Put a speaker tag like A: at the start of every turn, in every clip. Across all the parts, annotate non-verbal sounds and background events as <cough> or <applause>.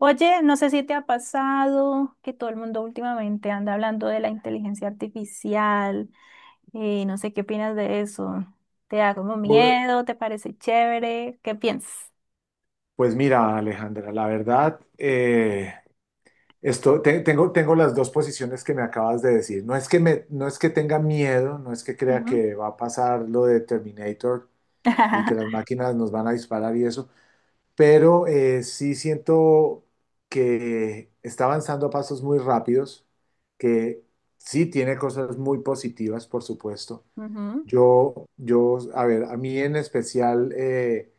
A: Oye, no sé si te ha pasado que todo el mundo últimamente anda hablando de la inteligencia artificial y no sé qué opinas de eso. ¿Te da como
B: Bu-
A: miedo? ¿Te parece chévere? ¿Qué piensas?
B: Pues mira, Alejandra, la verdad, tengo las dos posiciones que me acabas de decir. No es que tenga miedo, no es que crea
A: Ujú.
B: que va a pasar lo de Terminator y que las
A: <laughs>
B: máquinas nos van a disparar y eso, pero sí siento que está avanzando a pasos muy rápidos, que sí tiene cosas muy positivas, por supuesto.
A: Ujú.
B: Yo, a ver, a mí en especial… eh,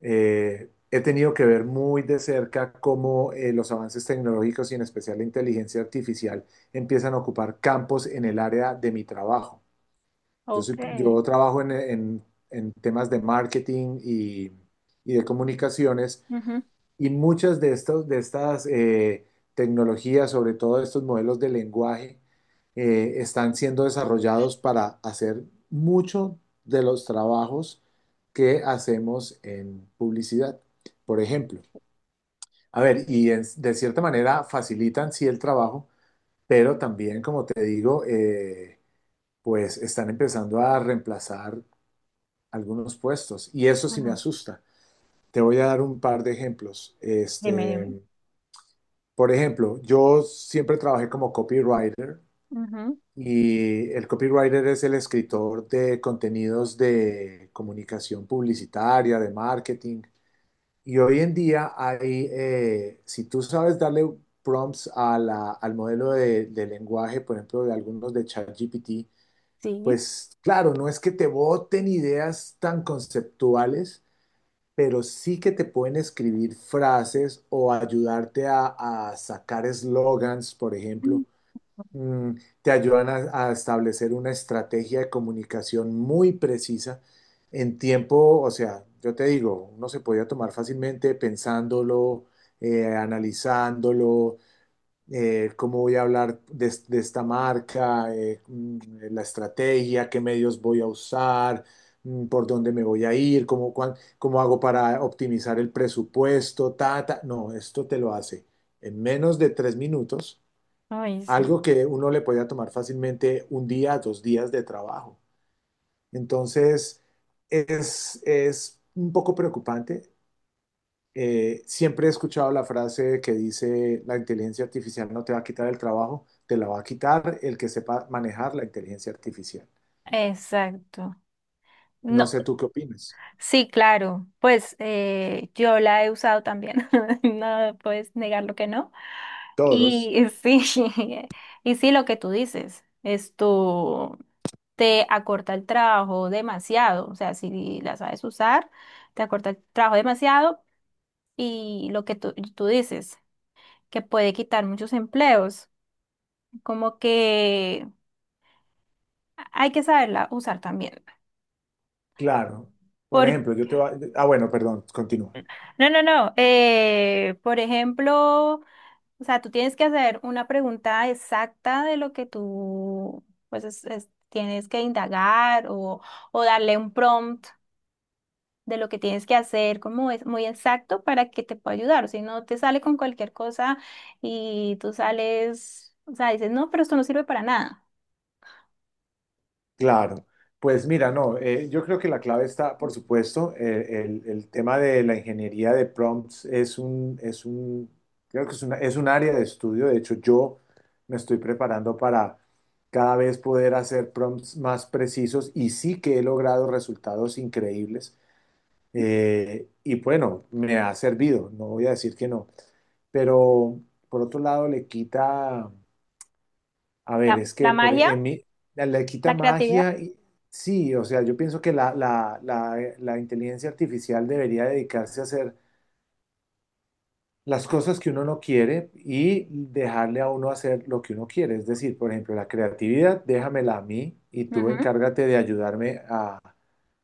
B: Eh, he tenido que ver muy de cerca cómo los avances tecnológicos y en especial la inteligencia artificial empiezan a ocupar campos en el área de mi trabajo.
A: Ok,
B: Yo trabajo en temas de marketing y de comunicaciones
A: ujú,
B: y muchas de estas tecnologías, sobre todo estos modelos de lenguaje, están siendo desarrollados para hacer mucho de los trabajos que hacemos en publicidad, por ejemplo. A ver, de cierta manera facilitan sí el trabajo, pero también, como te digo, pues están empezando a reemplazar algunos puestos y eso sí me
A: ujú,
B: asusta. Te voy a dar un par de ejemplos.
A: dime, dime.
B: Por ejemplo, yo siempre trabajé como copywriter
A: Ujú.
B: y el copywriter es el escritor de contenidos de comunicación publicitaria, de marketing. Y hoy en día hay, si tú sabes darle prompts al modelo de lenguaje, por ejemplo, de algunos de ChatGPT,
A: Sí.
B: pues claro, no es que te boten ideas tan conceptuales, pero sí que te pueden escribir frases o ayudarte a sacar eslogans, por
A: Mm.
B: ejemplo. Mm, te ayudan a establecer una estrategia de comunicación muy precisa en tiempo, o sea, yo te digo, uno se podía tomar fácilmente pensándolo, analizándolo, cómo voy a hablar de, de esta marca, la estrategia, qué medios voy a usar, por dónde me voy a ir, cómo, cómo hago para optimizar el presupuesto, ta, ta. No, esto te lo hace en menos de 3 minutos,
A: Ay, sí.
B: algo que uno le podía tomar fácilmente un día, dos días de trabajo. Entonces, es un poco preocupante siempre he escuchado la frase que dice, la inteligencia artificial no te va a quitar el trabajo, te la va a quitar el que sepa manejar la inteligencia artificial.
A: Exacto.
B: No
A: No,
B: sé tú qué opinas.
A: sí, claro. Pues yo la he usado también. <laughs> No puedes negar lo que no.
B: Todos,
A: Y sí, <laughs> y sí, lo que tú dices, esto te acorta el trabajo demasiado, o sea, si la sabes usar, te acorta el trabajo demasiado y lo que tú dices, que puede quitar muchos empleos, como que hay que saberla usar también.
B: claro. Por
A: Por,
B: ejemplo, yo te va… Ah, bueno, perdón, continúa.
A: no, no, no, por ejemplo... O sea, tú tienes que hacer una pregunta exacta de lo que tú, pues, tienes que indagar o darle un prompt de lo que tienes que hacer, como es muy exacto para que te pueda ayudar. O si no, te sale con cualquier cosa y tú sales, o sea, dices, no, pero esto no sirve para nada.
B: Claro, pues mira, no, yo creo que la clave está, por supuesto, el tema de la ingeniería de prompts creo que es un área de estudio, de hecho yo me estoy preparando para cada vez poder hacer prompts más precisos y sí que he logrado resultados increíbles y bueno, me ha servido, no voy a decir que no, pero por otro lado le quita, a ver,
A: La,
B: es que
A: la magia,
B: en mí, la quita
A: la creatividad.
B: magia, sí, o sea, yo pienso que la inteligencia artificial debería dedicarse a hacer las cosas que uno no quiere y dejarle a uno hacer lo que uno quiere. Es decir, por ejemplo, la creatividad, déjamela a mí y tú
A: Ujú.
B: encárgate de ayudarme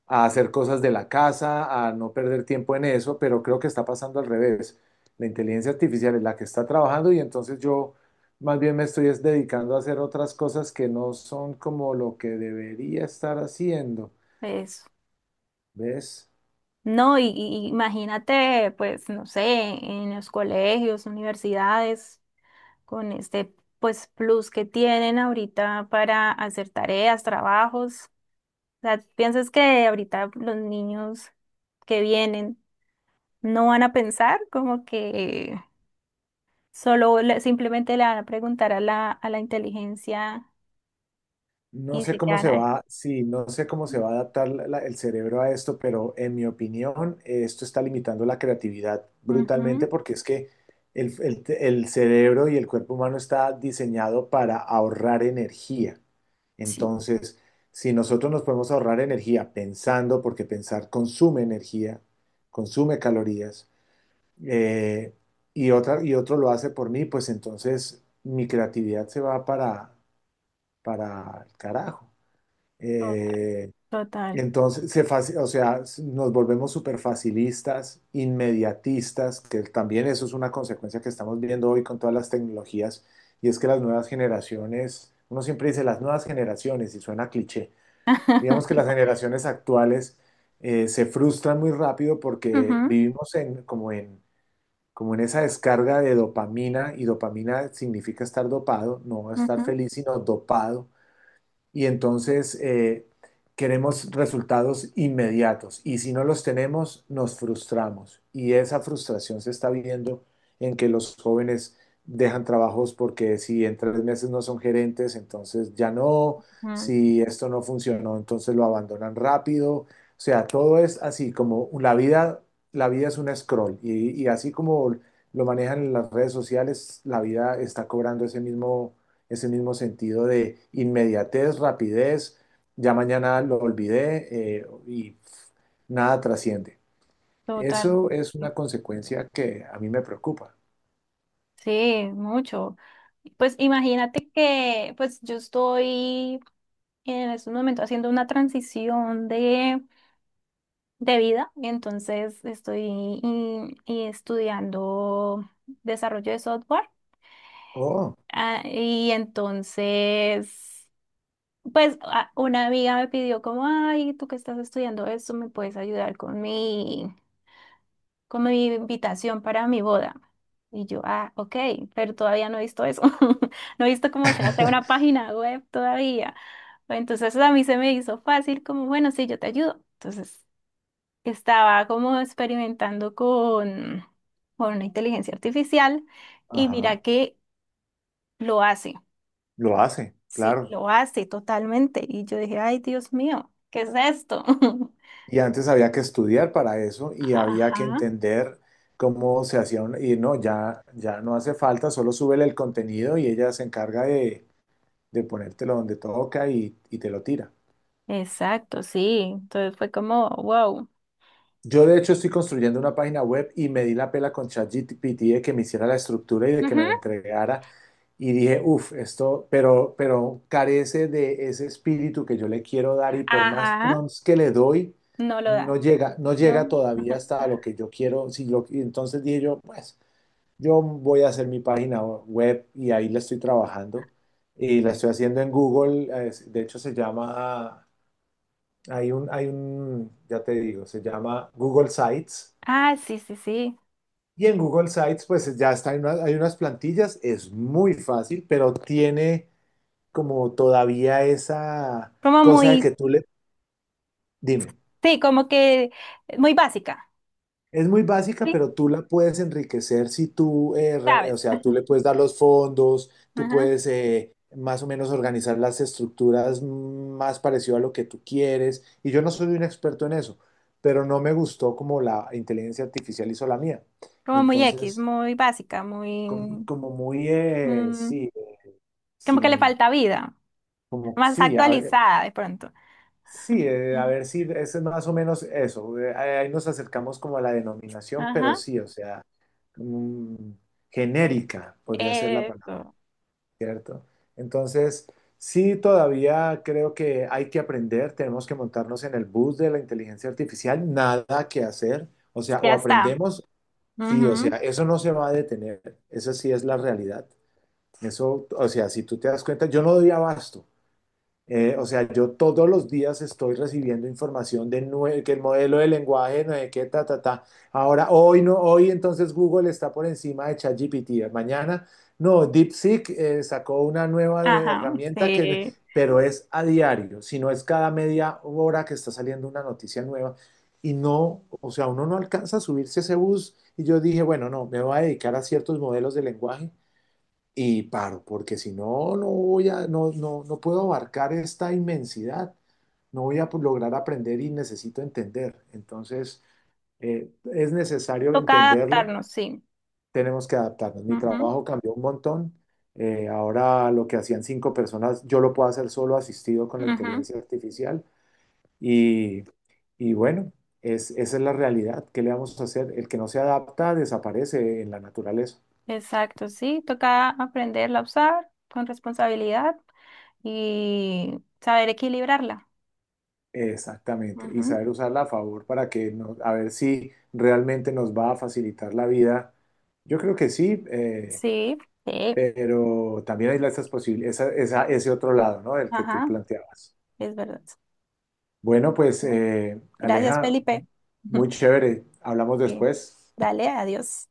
B: a hacer cosas de la casa, a no perder tiempo en eso, pero creo que está pasando al revés. La inteligencia artificial es la que está trabajando y entonces yo más bien me estoy es dedicando a hacer otras cosas que no son como lo que debería estar haciendo,
A: Eso.
B: ¿ves?
A: No, y, imagínate, pues, no sé, en los colegios, universidades, con este pues plus que tienen ahorita para hacer tareas, trabajos. O sea, ¿piensas que ahorita los niños que vienen no van a pensar como que simplemente le van a preguntar a la inteligencia
B: No
A: y
B: sé
A: se
B: cómo
A: quedan
B: se
A: ahí?
B: va, sí, no sé cómo se va a adaptar el cerebro a esto, pero en mi opinión, esto está limitando la creatividad brutalmente
A: Ujú.
B: porque es que el cerebro y el cuerpo humano está diseñado para ahorrar energía.
A: Sí,
B: Entonces, si nosotros nos podemos ahorrar energía pensando, porque pensar consume energía, consume calorías, eh, y otro lo hace por mí, pues entonces mi creatividad se va para el carajo.
A: to-
B: Eh,
A: total.
B: entonces, o sea, nos volvemos súper facilistas, inmediatistas, que también eso es una consecuencia que estamos viendo hoy con todas las tecnologías, y es que las nuevas generaciones, uno siempre dice las nuevas generaciones, y suena cliché, digamos que las
A: <laughs>
B: generaciones actuales se frustran muy rápido porque
A: Ujú,
B: vivimos en, como en, como en esa descarga de dopamina, y dopamina significa estar dopado, no estar
A: ujú,
B: feliz, sino dopado y entonces queremos resultados inmediatos y si no los tenemos nos frustramos y esa frustración se está viendo en que los jóvenes dejan trabajos porque si en 3 meses no son gerentes, entonces ya no,
A: ujú.
B: si esto no funcionó, entonces lo abandonan rápido, o sea, todo es así como la vida es un scroll y así como lo manejan en las redes sociales, la vida está cobrando ese mismo sentido de inmediatez, rapidez, ya mañana lo olvidé y pf, nada trasciende.
A: Total.
B: Eso es una consecuencia que a mí me preocupa.
A: Sí, mucho. Pues imagínate que pues yo estoy en este momento haciendo una transición de vida, entonces estoy y estudiando desarrollo de software.
B: Oh,
A: Ah, y entonces, pues una amiga me pidió como, ay, tú que estás estudiando esto, ¿me puedes ayudar con mi, como mi invitación para mi boda? Y yo, ah, ok, pero todavía no he visto eso. <laughs> No he visto cómo se hace una
B: <laughs>
A: página web todavía. Entonces a mí se me hizo fácil, como, bueno, sí, yo te ayudo. Entonces estaba como experimentando con una inteligencia artificial y
B: ajá,
A: mira que lo hace.
B: lo hace,
A: Sí,
B: claro.
A: lo hace totalmente. Y yo dije, ay, Dios mío, ¿qué es esto? <laughs>
B: Y antes había que estudiar para eso y había que
A: Ajá,
B: entender cómo y no, ya, ya no hace falta, solo súbele el contenido y ella se encarga de ponértelo donde toca y te lo tira.
A: exacto, sí. Entonces fue como, wow.
B: Yo de hecho estoy construyendo una página web y me di la pela con ChatGPT de que me hiciera la estructura y de que me la
A: Ujú.
B: entregara y dije, uff, esto, pero carece de ese espíritu que yo le quiero dar y por más
A: Ajá.
B: prompts que le doy,
A: No lo
B: no
A: da,
B: llega, no llega
A: ¿no?
B: todavía hasta lo que yo quiero. Si lo, y entonces dije yo, pues yo voy a hacer mi página web y ahí la estoy trabajando y la estoy haciendo en Google, de hecho se llama… ya te digo, se llama Google Sites
A: Ah, sí, sí, sí.
B: y en Google Sites, pues ya está, hay unas plantillas, es muy fácil, pero tiene como todavía esa
A: Como
B: cosa de
A: muy,
B: que dime,
A: sí, como que muy básica,
B: es muy básica,
A: ¿sí?
B: pero tú la puedes enriquecer si tú, o
A: ¿Sabes?
B: sea, tú le
A: <laughs>
B: puedes dar los fondos, tú
A: Ajá.
B: puedes más o menos organizar las estructuras más parecido a lo que tú quieres. Y yo no soy un experto en eso, pero no me gustó como la inteligencia artificial hizo la mía.
A: Como muy X,
B: Entonces,
A: muy básica, muy... Mm,
B: sí,
A: como que le
B: sin…
A: falta vida,
B: Como
A: más actualizada de pronto.
B: sí, a
A: Ujú.
B: ver si es más o menos eso. Ahí nos acercamos como a la denominación, pero
A: Ajá,
B: sí, o sea, mm, genérica podría ser la palabra,
A: eso,
B: ¿cierto? Entonces, sí, todavía creo que hay que aprender, tenemos que montarnos en el bus de la inteligencia artificial, nada que hacer, o sea,
A: ya
B: o
A: está.
B: aprendemos, sí, o sea,
A: Ujú.
B: eso no se va a detener, esa sí es la realidad. Eso, o sea, si tú te das cuenta, yo no doy abasto. O sea, yo todos los días estoy recibiendo información de que el modelo de lenguaje, no sé qué, ta, ta, ta. Ahora, hoy no, hoy entonces Google está por encima de ChatGPT. Mañana, no, DeepSeek sacó una
A: Ajá,
B: herramienta que,
A: sí.
B: pero es a diario, si no es cada media hora que está saliendo una noticia nueva. Y no, o sea, uno no alcanza a subirse a ese bus. Y yo dije, bueno, no, me voy a dedicar a ciertos modelos de lenguaje y paro, porque si no, no voy a, no, no, no puedo abarcar esta inmensidad, no voy lograr aprender y necesito entender. Entonces, es necesario
A: Toca
B: entenderlo,
A: adaptarnos, sí.
B: tenemos que adaptarnos. Mi
A: Ujú,
B: trabajo cambió un montón. Ahora lo que hacían 5 personas, yo lo puedo hacer solo asistido con la
A: ujú.
B: inteligencia artificial. Y, y bueno, es, esa es la realidad. ¿Qué le vamos a hacer? El que no se adapta desaparece en la naturaleza.
A: Exacto, sí. Toca aprenderla a usar con responsabilidad y saber equilibrarla.
B: Exactamente, y
A: Ujú.
B: saber usarla a favor para que nos, a ver si realmente nos va a facilitar la vida. Yo creo que sí,
A: Sí, sí,
B: pero también hay esas posibilidades, esa, ese otro lado, ¿no? El que tú
A: ajá,
B: planteabas.
A: es verdad.
B: Bueno, pues
A: Bueno, gracias,
B: Aleja,
A: Felipe. <laughs>
B: muy chévere. Hablamos
A: Sí.
B: después.
A: Dale, adiós.